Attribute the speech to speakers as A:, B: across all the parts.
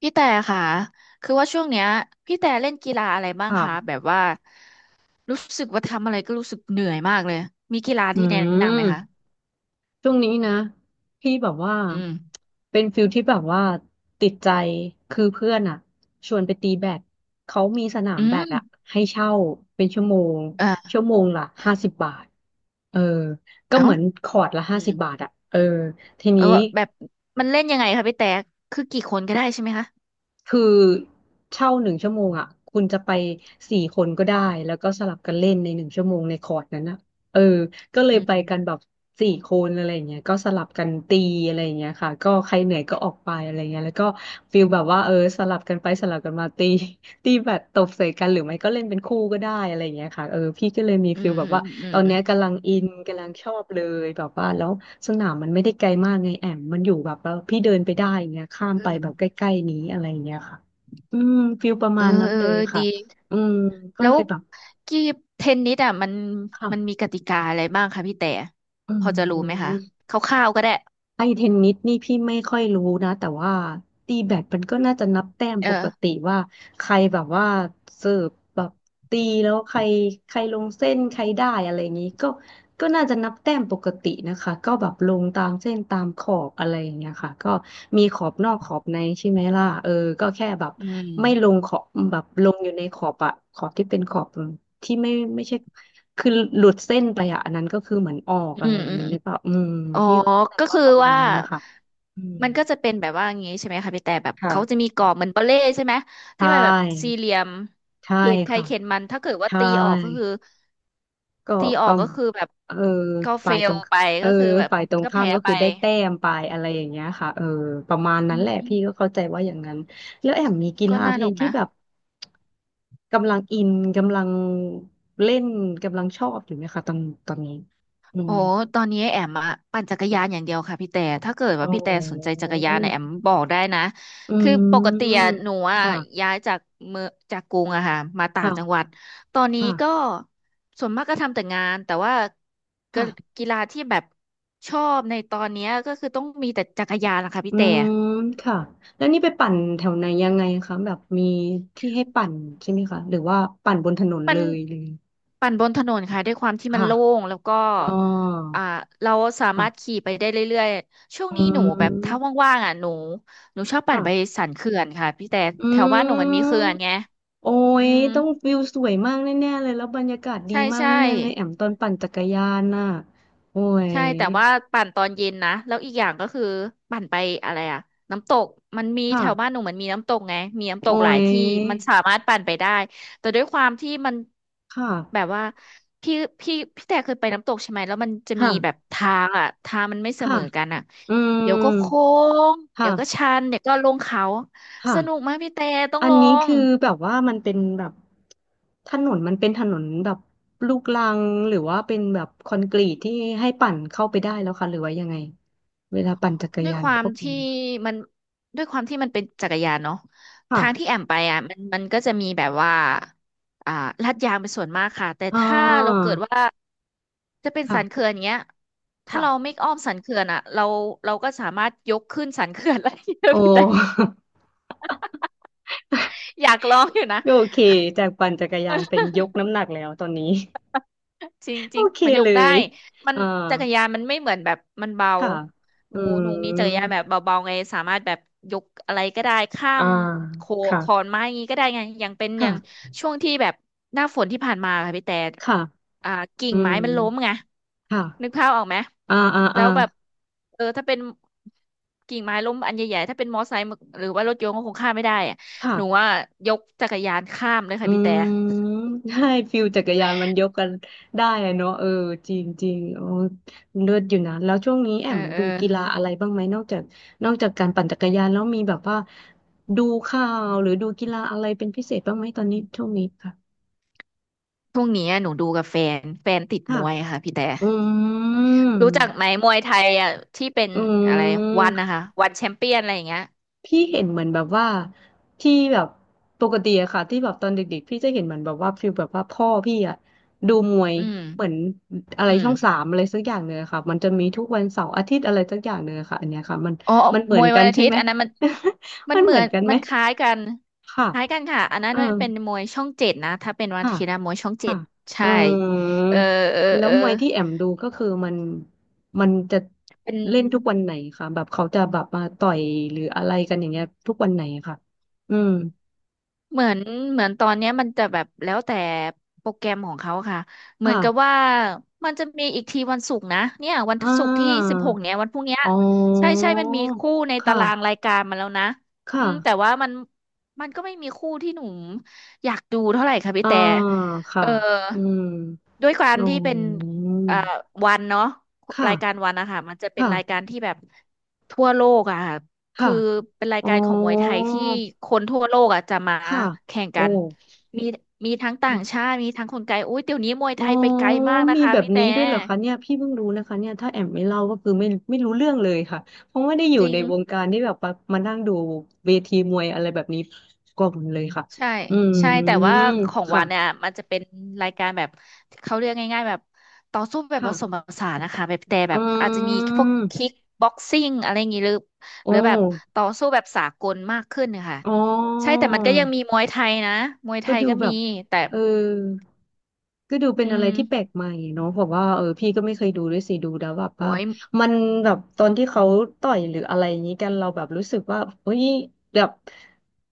A: พี่แต่ค่ะ คือว่าช่วงเนี้ยพี่แต่เล่นกีฬาอะไรบ้าง
B: ค่ะ
A: คะแบบว่ารู้สึกว่าทำอะไรก็รู้สึกเหนื่อยมากเลย มีกีฬา
B: อื
A: ที่แนะนำไหมคะ
B: ม ช่วงนี้นะ พี่แบบว่า
A: อืม
B: เป็นฟิลที่แบบว่าติดใจ คือเพื่อนอ่ะ ชวนไปตีแบดเขามีสนา
A: อื
B: มแบด
A: ม
B: อ่ะให้เช่าเป็นชั่วโมง
A: เออ
B: ชั่วโมงละ50 บาท เออ ก็
A: เอ้า
B: เหมือนคอร์ตละ
A: อื
B: ห้าสิบ
A: ม
B: บาทอ่ะ เออ ที
A: เออ
B: นี้
A: แบบมันเล่นยังไงคะพี่แต่ คือกี่คนก็ได้ใช่ไหมคะ
B: คือเช่า1 ชั่วโมงอ่ะคุณจะไปสี่คนก็ได้แล้วก็สลับกันเล่นในหนึ่งชั่วโมงในคอร์สนั้นนะเออก็เลย
A: อื
B: ไปกันแบ
A: ม
B: บสี่คนอะไรอย่างเงี้ยก็สลับกันตีอะไรอย่างเงี้ยค่ะก็ใครเหนื่อยก็ออกไปอะไรเงี้ยแล้วก็ฟิลแบบว่าเออสลับกันไปสลับกันมาตีตีแบบตบใส่กันหรือไม่ก็เล่นเป็นคู่ก็ได้อะไรอย่างเงี้ยค่ะเออพี่ก็เลยมี
A: อื
B: ฟิ
A: ม
B: ลแบ
A: อื
B: บ
A: ม
B: ว่า
A: อื
B: ตอ
A: ม
B: นเนี้ยกำลังอินกำลังชอบเลยแบบว่าแล้วสนามมันไม่ได้ไกลมากไงแอมมันอยู่แบบว่าพี่เดินไปได้อย่างเงี้ยข้าม
A: อื
B: ไป
A: ม
B: แบบใกล้ๆนี้อะไรอย่างเงี้ยค่ะอืมฟิลประ
A: เออ
B: มาณนั้น
A: เออ
B: เล
A: เอ
B: ย
A: อดี
B: ค่ะอืมก็
A: แล้
B: เล
A: ว
B: ยแบบ
A: กีเทนนิสอ่ะมันมี
B: ค่ะ
A: กติกาอะไรบ้างคะพี่แต่
B: อื
A: พอจะรู้ไหมคะ
B: ม
A: คร่าวๆก็ได้
B: ไอเทนนิสนี่พี่ไม่ค่อยรู้นะแต่ว่าตีแบดมันก็น่าจะนับแต้ม
A: เอ
B: ปกติ
A: อ
B: ว่าใครแบบว่าเสิร์ฟแบบตีแล้วใครใครลงเส้นใครได้อะไรอย่างนี้ก็ ก็น่าจะนับแต้มปกตินะคะก็แบบลงตามเส้นตามขอบอะไรอย่างเงี้ยค่ะก็มีขอบนอกขอบในใช่ไหมล่ะเออก็แค่แบบ
A: อืม
B: ไม่ลงขอบแบบลงอยู่ในขอบอะขอบที่เป็นขอบที่ไม่ใช่คือหลุดเส้นไปอะอันนั้นก็คือเหมือนออก
A: อื
B: อะไร
A: ม
B: อย่า
A: อื
B: ง
A: ม
B: นี้หรือเปล่าอืม
A: อ๋อ
B: พี่เข้าใจ
A: ก็
B: ว่า
A: คือ
B: ประมาณ
A: ว่า
B: นั้นนะคะอืม
A: มันก็จะเป็นแบบว่าอย่างงี้ใช่ไหมคะพี่แต่แบบเขาจะมี
B: ค่ะ
A: กรอบเหมือนปาเล่ใช่ไหม
B: ใช
A: ที่มันแบบสี่
B: ่
A: เหลี่ยม
B: ใช่
A: เขตใคร
B: ค่ะ
A: เขตมัน ถ้าเกิดว่า
B: ใช่
A: ตีออกก็คือ
B: ก็
A: ตีออ
B: ก็
A: กก็คือแบบ
B: เออ
A: ก็เฟ
B: ฝ่ายตร
A: ล
B: ง
A: ไป
B: เออ
A: ก็คือแบบ
B: ฝ่ายตรง
A: ก็
B: ข้าม
A: แพ้
B: ก็
A: ไป
B: คือได้แต้มไปอะไรอย่างเงี้ยค่ะเออประมาณนั้
A: อื
B: นแหละ
A: ม
B: พี่ก็เข้าใจว่าอย่างนั้นแล้วแอมมีกี
A: ก็
B: ฬา
A: น่า
B: เท
A: หนุ
B: น
A: ก
B: ที่
A: นะ
B: แบบกำลังอินกำลังเล่นกำลังชอบอยู่ไหมคะตอนนี้อื
A: โอ้
B: ม
A: ตอนนี้แอมอะปั่นจักรยานอย่างเดียวค่ะพี่แต่ถ้าเกิด
B: อ๋
A: ว่า
B: อ
A: พี่แต่สนใจจักรยานเนี่ยแอมบอกได้นะ
B: อื
A: คือปกติอะ
B: ม
A: หนู
B: ค
A: อะ
B: ่ะ
A: ย้ายจากเมืองจากกรุงอะค่ะมาต่างจังห
B: ค่ะ
A: วัดตอนนี้
B: ค่ะ
A: ก็ส่วนมากก็ทำแต่งานแต่ว่าก็
B: ค่ะ
A: กีฬาที่แบบชอบในตอนเนี้ยก็คือต้องมีแต่จักรยานนะคะ
B: อื
A: พี่แต่
B: มค่ะแล้วนี่ไปปั่นแถวไหนยังไงคะแบบมีที่ให้ปั่นใช่ไหมคะหรือว่าปั่นบนถนน
A: มั
B: เล
A: น
B: ยเลย
A: ปั่นบนถนนค่ะด้วยความที่มัน
B: ค่ะ
A: โล่งแล้วก็
B: อ๋อ
A: อ่าเราสามา
B: ค่ะ
A: รถขี่ไปได้เรื่อยๆช่วง
B: อื
A: นี้หนูแบบถ้า
B: ม
A: ว่างๆอ่ะหนูชอบปั่นไป
B: ค่ะ
A: สันเขื่อนค่ะพี่แต่
B: อื
A: แถวบ้าน
B: ม
A: หนูมันมีเขื่อนไง
B: โอ้
A: อื
B: ย
A: ม
B: ต้องวิวสวยมากแน่ๆเลยแล้วบรรยากาศดี
A: ใช่
B: มาก
A: ใช่
B: แน่ๆเลยแอมตอนปั่นจักรยานน่ะโอ้ย
A: ใช่แต่ว่าปั่นตอนเย็นนะแล้วอีกอย่างก็คือปั่นไปอะไรอะน้ำตกมันมี
B: ค่ะ
A: แถวบ้านหนูเหมันมีน้ำตกไงมีน้ำต
B: โอ้
A: กหลาย
B: ย
A: ที่มันสามารถปั่นไปได้แต่ด้วยความที่มัน
B: ค่ะ
A: แบบว่าพี่พี่แต่เคยไปน้ำตกใช่ไหมแล้วมันจะมีแบบ
B: ค่ะ
A: ทางอะทางมันไม่เส
B: ค่ะ
A: มอกันอะ
B: อื
A: เดี๋ยวก็โค้
B: ม
A: งเดี๋ยวก็
B: ค่ะ
A: ชันเดี๋ยวก็ลงเขาสนุก
B: ค่ะ
A: มากพี่แต่ต้อง
B: อัน
A: ลอ
B: นี้
A: ง
B: คือแบบว่ามันเป็นแบบถนนมันเป็นถนนแบบลูกรังหรือว่าเป็นแบบคอนกรีตที่ให้ปั่นเข้าไปได้แล้วค่ะหรือว่ายังไง เวลาปั่นจักร
A: ด้วย
B: ยา
A: ค
B: น
A: วา
B: พ
A: ม
B: วก
A: ที่
B: นี้
A: มันด้วยความที่มันเป็นจักรยานเนาะ
B: ค่ะ
A: ทางที่แอมไปอ่ะมันก็จะมีแบบว่าอ่าลาดยางเป็นส่วนมากค่ะแต่
B: อ่
A: ถ้าเรา
B: า
A: เกิดว่าจะเป็น
B: ค่ะ
A: สันเขื่อนเงี้ยถ้าเรา
B: ค่ะ
A: ไม่อ้อมสันเขื่อนอ่ะเราก็สามารถยกขึ้นสันเขื่อนได้เย อะ
B: โอ
A: พี่แต่
B: ้
A: อยากลองอยู่นะ
B: โอเค จากปั่นจักรยานเป็นยกน้ำหนักแล้วตอนนี้
A: จริง จ
B: โอ
A: ริง
B: เค
A: มันย
B: เล
A: กได้
B: ย
A: มัน
B: อ่า
A: จักรยานมันไม่เหมือนแบบมันเบา
B: ค่ะ
A: ห
B: อื
A: นูหนูมีจักรยาน
B: ม
A: แบบเบาๆไงสามารถแบบยกอะไรก็ได้ข้า
B: อ่า
A: มโข
B: ค่ะ
A: ขอนไม้อย่างงี้ก็ได้ไงอย่างเป็นอย่าง
B: ค่ะ
A: ช่วงที่แบบหน้าฝนที่ผ่านมาค่ะพี่แต่
B: ค่ะ
A: อ่ากิ่ง
B: อื
A: ไม้
B: ม
A: มันล้มไง
B: ค่ะ
A: นึกภาพออกไหม
B: อ่าอ่า
A: แล้
B: อ่า
A: วแบบเออถ้าเป็นกิ่งไม้ล้มอันใหญ่ๆถ้าเป็นมอไซค์หรือว่ารถยนต์ก็คงข้ามไม่ได้อะ
B: ค่ะ
A: หนูว่ายกจักรยานข้ามเลย
B: อื
A: ค่ะพี่แต่
B: ม ใช่ฟิลจักรยานมันยกกันได้อะเนาะเออจริงจริงโอ้เลิศอยู่นะแล้วช่วงนี้แอ
A: เออ
B: ม
A: เออ
B: ดูกีฬาอะไรบ้างไหมนอกจากนอกจากการปั่นจักรยานแล้วมีแบบว่าดูข่าวหรือดูกีฬาอะไรเป็นพิเศษบ้างไหมตอนนี้ช่วงนี้ค่ะ
A: ช่วงนี้อะหนูดูกับแฟนติดม
B: ค่ะ
A: วยค่ะพี่แต่
B: อื
A: รู้จักไหม
B: ม
A: มวยไทยอ่ะที่เป็น
B: อื
A: อะไรวันนะ
B: ม
A: คะวันแชมเปี้ยนอะไรอย่างเงี้ย
B: พี่เห็นเหมือนแบบว่าที่แบบปกติอะค่ะที่แบบตอนเด็กๆพี่จะเห็นเหมือนแบบว่าฟีลแบบว่าพ่อพี่อะดูมวย
A: อืม
B: เหมือนอะไร
A: อื
B: ช่
A: ม
B: องสามอะไรสักอย่างเนื้อะค่ะมันจะมีทุกวันเสาร์อาทิตย์อะไรสักอย่างเนื้อะค่ะอันเนี้ยค่ะมัน
A: อ๋อ
B: มันเหมื
A: ม
B: อน
A: วย
B: กั
A: วัน
B: น
A: อา
B: ใช่
A: ทิต
B: ไหม
A: ย์อันนั้นมัน มั
B: มั
A: น
B: น
A: เห
B: เห
A: มื
B: มื
A: อ
B: อน
A: น
B: กันไหม
A: มันคล้ายกัน
B: ค่ะ
A: คล้ายกันค่ะอันนั้
B: เอ
A: น
B: อ
A: มันเป็นมวยช่องเจ็ดนะถ้าเป็นวัน
B: ค่ะ
A: อาทิตย์นะมวยช่องเจ็
B: ค่ะ
A: ด
B: อื
A: ใช่เออ
B: ม
A: เออ
B: แล้ว
A: เออ
B: มวยที่แอมดูก็คือมันจะ
A: เป็น
B: เล่นทุกวันไหนคะแบบเขาจะแบบมาต่อยหรืออะไรกันอย่างเงี้ยทุกวันไหนคะอืม
A: เหมือนเหมือนตอนเนี้ยมันจะแบบแล้วแต่โปรแกรมของเขาค่ะเหมือนกับ
B: ค่ะ
A: ว่ามันจะมีอีกทีวันศุกร์นะเนี่ยวัน
B: อ่
A: ศุกร์ที่สิ
B: า
A: บหกเนี้ยวันพรุ่งเนี้ย
B: อ๋
A: ใช่
B: อ
A: ใช่มันมีคู่ในตาราง
B: ค่ะ
A: รายการมาแล้วนะอื
B: ค่ะ
A: มแต่ว่ามันก็ไม่มีคู่ที่หนูอยากดูเท่าไหร่ค่ะพี่
B: อ่า
A: แต่เอ
B: ค่ะ
A: อ
B: อืม
A: ด้วยความ
B: อ๋อ
A: ที่เป็นเอ่อวันเนาะรายการ
B: ค่ะ
A: วันนะคะมันจะเป็นรายกา
B: ค่ะ
A: รที่แบบทั่วโลกอะค่ะ
B: ค่ะ
A: คือเป็นราย
B: อ๋อ
A: การของมวยไทยที่คนทั่วโลกอ่ะจะมา
B: ค่ะ
A: แข่ง
B: โอ้
A: กันมีมีทั้งต่างชาติมีทั้งคนไกลอุ้ยเดี๋ยวนี้มวย
B: อ๋
A: ไท
B: อ
A: ยไปไกลมากนะ
B: มี
A: คะ
B: แบบ
A: พี่แต่
B: นี้ด้วยเหรอคะเนี่ยพี่เพิ่งรู้นะคะเนี่ยถ้าแอมไม่เล่าก็คือไม่รู้เรื่องเลยค่ะเพราะไม่ได้อยู่
A: จริ
B: ใน
A: ง
B: วงการที่แบบมานั่งดูเวทีมวยอะไรแบบนี้ก่อนเลยค่ะ
A: ใช่
B: อื
A: ใช่แต่ว่า
B: ม
A: ของวันเนี่ย
B: ค่ะ
A: มันจะเป็นรายการแบบเขาเรียกง่ายๆแบบต่อสู้แบบผสมผ
B: ค่ะ
A: สานนะคะแบบแต่
B: อื
A: แบบอาจจะมีพวกคิ
B: ม
A: กบ็อกซิ่งอะไรอย่างงี้หรือ
B: โอ้
A: หรือแบบต่อสู้แบบสากลมากขึ้นนะคะ
B: อ๋อ
A: ใช่แต่มันก็ยังมีมวยไทยนะมวยไท
B: ก็
A: ย
B: ดู
A: ก็
B: แบ
A: มี
B: บ
A: แต่
B: เออก็ดูเป็
A: อื
B: นอะไร
A: ม
B: ที่แปลกใหม่เนาะบอกว่าเออพี่ก็ไม่เคยดูด้วยสิดูแล้วแบบ
A: โอ้
B: ว่า
A: ย
B: มันแบบตอนที่เขาต่อยหรืออะไรอย่างนี้กันเราแบบรู้สึกว่าเฮ้ยแบบ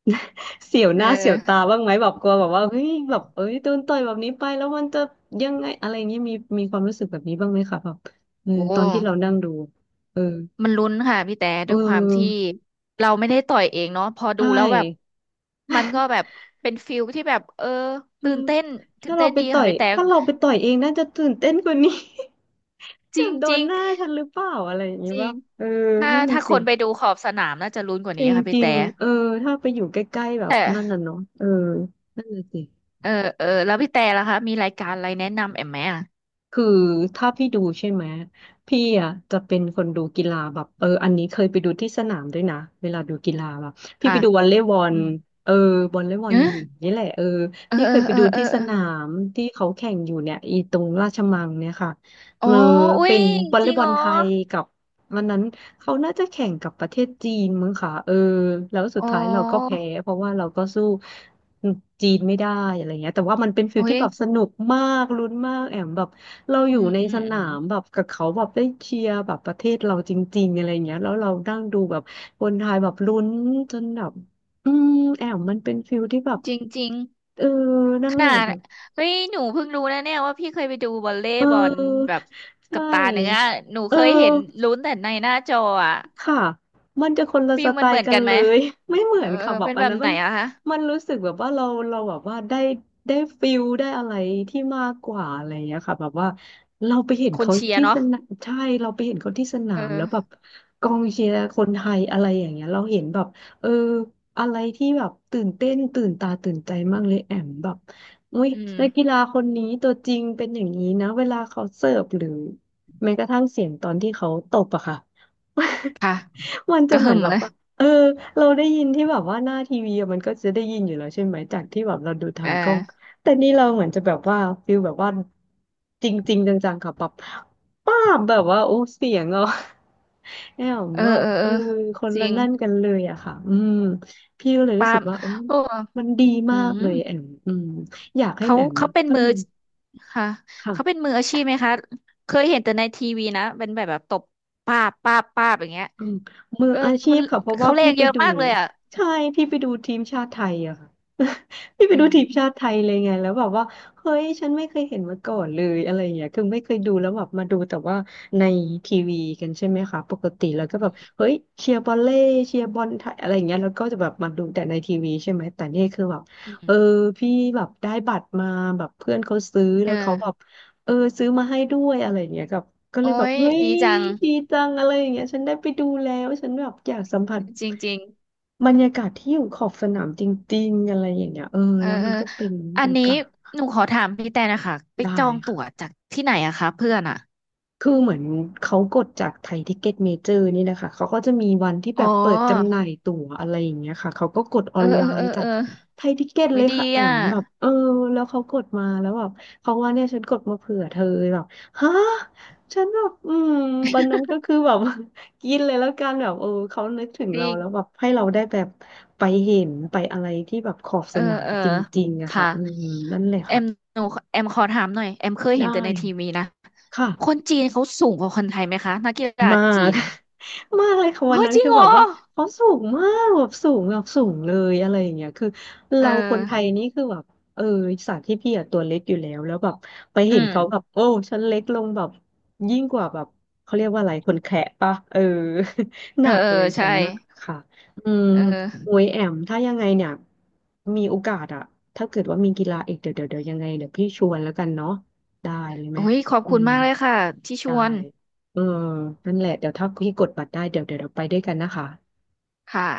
B: เสียวห
A: เอ
B: น้าเสียวตา
A: อ
B: บ้างไหมแบบกลัวแบบว่าเฮ้ยแบบเอ้ยโดนต่อยแบบนี้ไปแล้วมันจะยังไงอะไรอย่างนี้มีความรู้สึกแบบนี้บ้างไหมคะแบบเออ
A: โอ้
B: ตอนที่เรานั่งดูเออ
A: มันลุ้นค่ะพี่แต่
B: เ
A: ด้วยความที่
B: ออ
A: เราไม่ได้ต่อยเองเนาะพอดู
B: ใช่
A: แล้วแบบมันก็แบบเป็นฟิลที่แบบเออตื่นเต้น
B: เออ
A: ตื่
B: ถ้า
A: น
B: เรา
A: เต้น
B: ไป
A: ดี
B: ต่
A: ค่ะ
B: อย
A: พี่แต่
B: ถ้าเราไปต่อยเองน่าจะตื่นเต้นกว่านี้
A: จ
B: แบ
A: ริ
B: บ
A: ง
B: โด
A: จริ
B: น
A: ง
B: หน้าฉันหรือเปล่าอะไรอย่างนี้
A: จริ
B: ว่า
A: ง
B: เออ
A: ถ้า
B: นั่นน่ะ
A: ถ้าค
B: สิ
A: นไปดูขอบสนามน่าจะลุ้นกว่า
B: จ
A: นี้ค่ะพี่
B: ริ
A: แต่
B: งๆถ้าไปอยู่ใกล้ๆแบบนั่น
A: แต่
B: น่ะเนาะนั่นน่ะสิ
A: เออเออแล้วพี่แต่ล่ะคะมีรายการอะไรแนะนำแอมไหมอ่ะ
B: คือถ้าพี่ดูใช่ไหมพี่อ่ะจะเป็นคนดูกีฬาแบบอันนี้เคยไปดูที่สนามด้วยนะเวลาดูกีฬาแบบพี่
A: ค่ะ
B: ไปดูวอลเลย์บอ
A: อื
B: ล
A: ม
B: เออวอลเลย์บอลหญิงนี่แหละ
A: เออ
B: พี่
A: เอ
B: เค
A: อ
B: ยไป
A: เออ
B: ดู
A: เออ
B: ที่ส
A: เออ
B: นามที่เขาแข่งอยู่เนี่ยอีตรงราชมังเนี่ยค่ะ
A: อ๋
B: เอ
A: อ
B: อ
A: อุ้
B: เป็
A: ย
B: นวอล
A: จ
B: เล
A: ริ
B: ย์
A: ง
B: บอล
A: อ๋อ
B: ไทยกับวันนั้นเขาน่าจะแข่งกับประเทศจีนมั้งค่ะแล้วสุด
A: อ๋
B: ท้ายเราก็
A: อ
B: แพ้เพราะว่าเราก็สู้จีนไม่ได้อะไรเงี้ยแต่ว่ามันเป็นฟิล
A: อุ้
B: ที่
A: ย
B: แบบสนุกมากลุ้นมากแอมแบบ เราอ
A: อื
B: ยู่
A: ม
B: ใน
A: อื
B: ส
A: มอื
B: นา
A: ม
B: มแบบกับเขาแบบได้เชียร์แบบประเทศเราจริงๆอะไรเงี้ยแล้วเรานั่งดูแบบคนไทยแบบลุ้นจนแบบอืมแอมมันเป็นฟิลที่แบบ
A: จริงจริง
B: เออนั่
A: ข
B: นแห
A: นา
B: ละ
A: ด
B: แบบ
A: เฮ้ยหนูเพิ่งรู้นะเนี่ยว่าพี่เคยไปดูวอลเล
B: เ
A: ย์บอล
B: ออ
A: แบบ
B: ใช
A: กับตาเนื้อ
B: ่
A: หนู
B: เออ
A: เคยเห็นลุ้นแต่ในหน้าจออะ
B: ค่ะ มันจะคนละ
A: ฟิ
B: ส
A: ล
B: ไต
A: มันเห
B: ล์
A: มือน
B: กัน
A: กัน
B: เล
A: ไหม
B: ย ไม่เหมือ
A: เออ
B: นค่ะแบบ
A: เป็น
B: อั
A: แบ
B: น
A: บ
B: นั้น
A: ไหน
B: มัน
A: อะคะ
B: มันรู้สึกแบบว่าเราแบบว่าได้ฟิลได้อะไรที่มากกว่าอะไรอย่างเงี้ยค่ะแบบว่าเราไปเห็น
A: คน
B: เขา
A: เชียร์
B: ที่ส
A: เนาะ
B: นามใช่เราไปเห็นเขาที่สนา
A: เออ
B: มแล้วแบบกองเชียร์คนไทยอะไรอย่างเงี้ยเราเห็นแบบเอออะไรที่แบบตื่นเต้นตื่นตาตื่นใจมากเลยแอมแบบอุ้ย
A: อื
B: นักกี
A: ม
B: ฬาคนนี้ตัวจริงเป็นอย่างนี้นะเวลาเขาเสิร์ฟหรือแม้กระทั่งเสียงตอนที่เขาตบอะค่ะ
A: ค่ะ
B: มัน
A: ก
B: จะ
A: ระ
B: เหมื
A: หึ่
B: อน
A: ม
B: แบบ
A: เลย
B: ว่าเออเราได้ยินที่แบบว่าหน้าทีวีอะมันก็จะได้ยินอยู่แล้วใช่ไหมจากที่แบบเราดูทา
A: เออ
B: งกล้องแต่นี่เราเหมือนจะแบบว่าฟิลแบบว่าจริงๆจังๆค่ะแบบป้าบแบบว่าโอ้เสียงอ่ะ เอี่ยม
A: เออ
B: ว่า
A: เออ
B: เอ
A: เอ
B: อ
A: อ
B: คน
A: จ
B: ละ
A: ริง
B: นั่นกันเลยอะค่ะอืมพี่ก็เลยรู้
A: ปา
B: สึ
A: ล์
B: ก
A: ม
B: ว่า
A: โอ้
B: มันดี
A: อื
B: มาก
A: ม
B: เลยแอมอืมอยากให้
A: เขา
B: แอม
A: เขา
B: อะ
A: เป็น
B: ถ้า
A: มือ
B: มี
A: ค่ะเขาเป็
B: ค่ะ
A: นมืออาชีพไหมคะเคยเห็นแต่ในทีวีนะเป็นแบบแบบตบป้าบป้าบป้าบอย่างเงี้ย
B: อืมมือ
A: เออ
B: อาชี
A: มัน
B: พค่ะเพราะว่า
A: เขาแร
B: พี่
A: ง
B: ไป
A: เยอะ
B: ดู
A: มากเลยอ่ะ
B: ใช่พี่ไปดูทีมชาติไทยอะค่ะ พี่ไป
A: อื
B: ดู
A: ม
B: ทีมชาติไทยเลยไงแล้วแบบว่าเฮ้ยฉันไม่เคยเห็นมาก่อนเลยอะไรอย่างเงี้ยคือไม่เคยดูแล้วแบบมาดูแต่ว่าในทีวีกันใช่ไหมคะปกติแล้วก็แบบ
A: อืม
B: เฮ้ยเชียร์บอลเล่เชียร์บอลไทยอะไรอย่างเงี้ยแล้วก็จะแบบมาดูแต่ในทีวีใช่ไหมแต่นี่คือแบบ
A: อื
B: เอ
A: ม
B: อพี่แบบได้บัตรมาแบบเพื่อนเขาซื้อ
A: เอ
B: แล้วเขาแบบ
A: อ
B: ซื้อมาให้ด้วยอะไรอย่างเงี้ยกับก็เล
A: โอ้
B: ยแบบ
A: ย
B: เฮ้ย
A: ดีจัง
B: ดีจังอะไรอย่างเงี้ยฉันได้ไปดูแล้วฉันแบบอยากสัมผัส
A: จริง
B: บรรยากาศที่อยู่ขอบสนามจริงๆอะไรอย่างเงี้ย
A: ๆเออ
B: แล้ว
A: เอ
B: มัน
A: อ
B: ก็เป็น
A: อั
B: โอ
A: นนี้
B: กาส
A: หนูขอถามพี่แต่นะคะไป
B: ได้
A: จองตั๋ว
B: ค่ะ
A: จากที่ไหนอะคะเพื่อนอะ
B: คือเหมือนเขากดจากไทยทิกเก็ตเมเจอร์นี่แหละค่ะเขาก็จะมีวันที่แบ
A: อ๋อ
B: บเปิดจำหน่ายตั๋วอะไรอย่างเงี้ยค่ะเขาก็กดออ
A: เออ
B: นไล
A: เออเอ
B: น์
A: อ
B: จา
A: เอ
B: ก
A: อ
B: ไทยทิกเก็ตเล
A: ไว้
B: ย
A: ดี
B: ค่ะแอ
A: อะ
B: มแบบแล้วเขากดมาแล้วแบบเขาว่าเนี่ยฉันกดมาเผื่อเธอแบบฮะฉันแบบอืมวันนั้นก็คือแบบ กินเลยแล้วกันแบบเขานึกถึง
A: จ
B: เรา
A: ริ
B: แล้ว
A: ง
B: แบบให้เราได้แบบไปเห็นไปอะไรที่แบบขอบ
A: เอ
B: ส
A: อ
B: นาม
A: เออ
B: จริงๆอะค่ะ
A: ค่ะ
B: อืมนั่นแหละ
A: แอม
B: ค่ะ
A: หนูแอมขอถามหน่อยแอมเคย
B: ได้
A: เห็นแต่ในทีวีนะค
B: ค่ะ
A: นจีนเขาสูงกว่าคนไทยไหมคะนักกีฬา
B: มา
A: จี
B: ก
A: น
B: มากเลยค่ะวัน
A: เฮ้ย
B: นั้น
A: จริง
B: คือ
A: เหร
B: แบ
A: อ
B: บว่าเขาสูงมากแบบสูงแบบสูงเลยอะไรอย่างเงี้ยคือ
A: เออ
B: เราคนไทยนี่คือแบบเออสต์ที่พี่อะตัวเล็กอยู่แล้วแล้วแบบไป
A: อื
B: เห็นเขาแบบ
A: ม
B: โอ้ฉันเล็กลงแบบยิ่งกว่าแบบเขาเรียกว่าอะไรคนแขะปะ ห
A: เอ
B: นั
A: อ
B: ก
A: เออ
B: เลยฉั
A: ใช่
B: นนะค่ะอืม
A: เอ
B: โอ้
A: อ
B: ยแอมถ้ายังไงเนี่ยมีโอกาสอะถ้าเกิดว่ามีกีฬาอีกเดี๋ยวยังไงเดี๋ยวพี่ชวนแล้วกันเนาะได้เลยไหม
A: โอ้ยขอบ
B: อื
A: คุณ
B: ม
A: มากเลยค่ะที่ช
B: ได้
A: วน
B: เออนั่นแหละเดี๋ยวถ้าพี่กดบัตรได้เดี๋ยวเดี๋ยวเราไปด้วยกันนะคะ
A: ค่ะ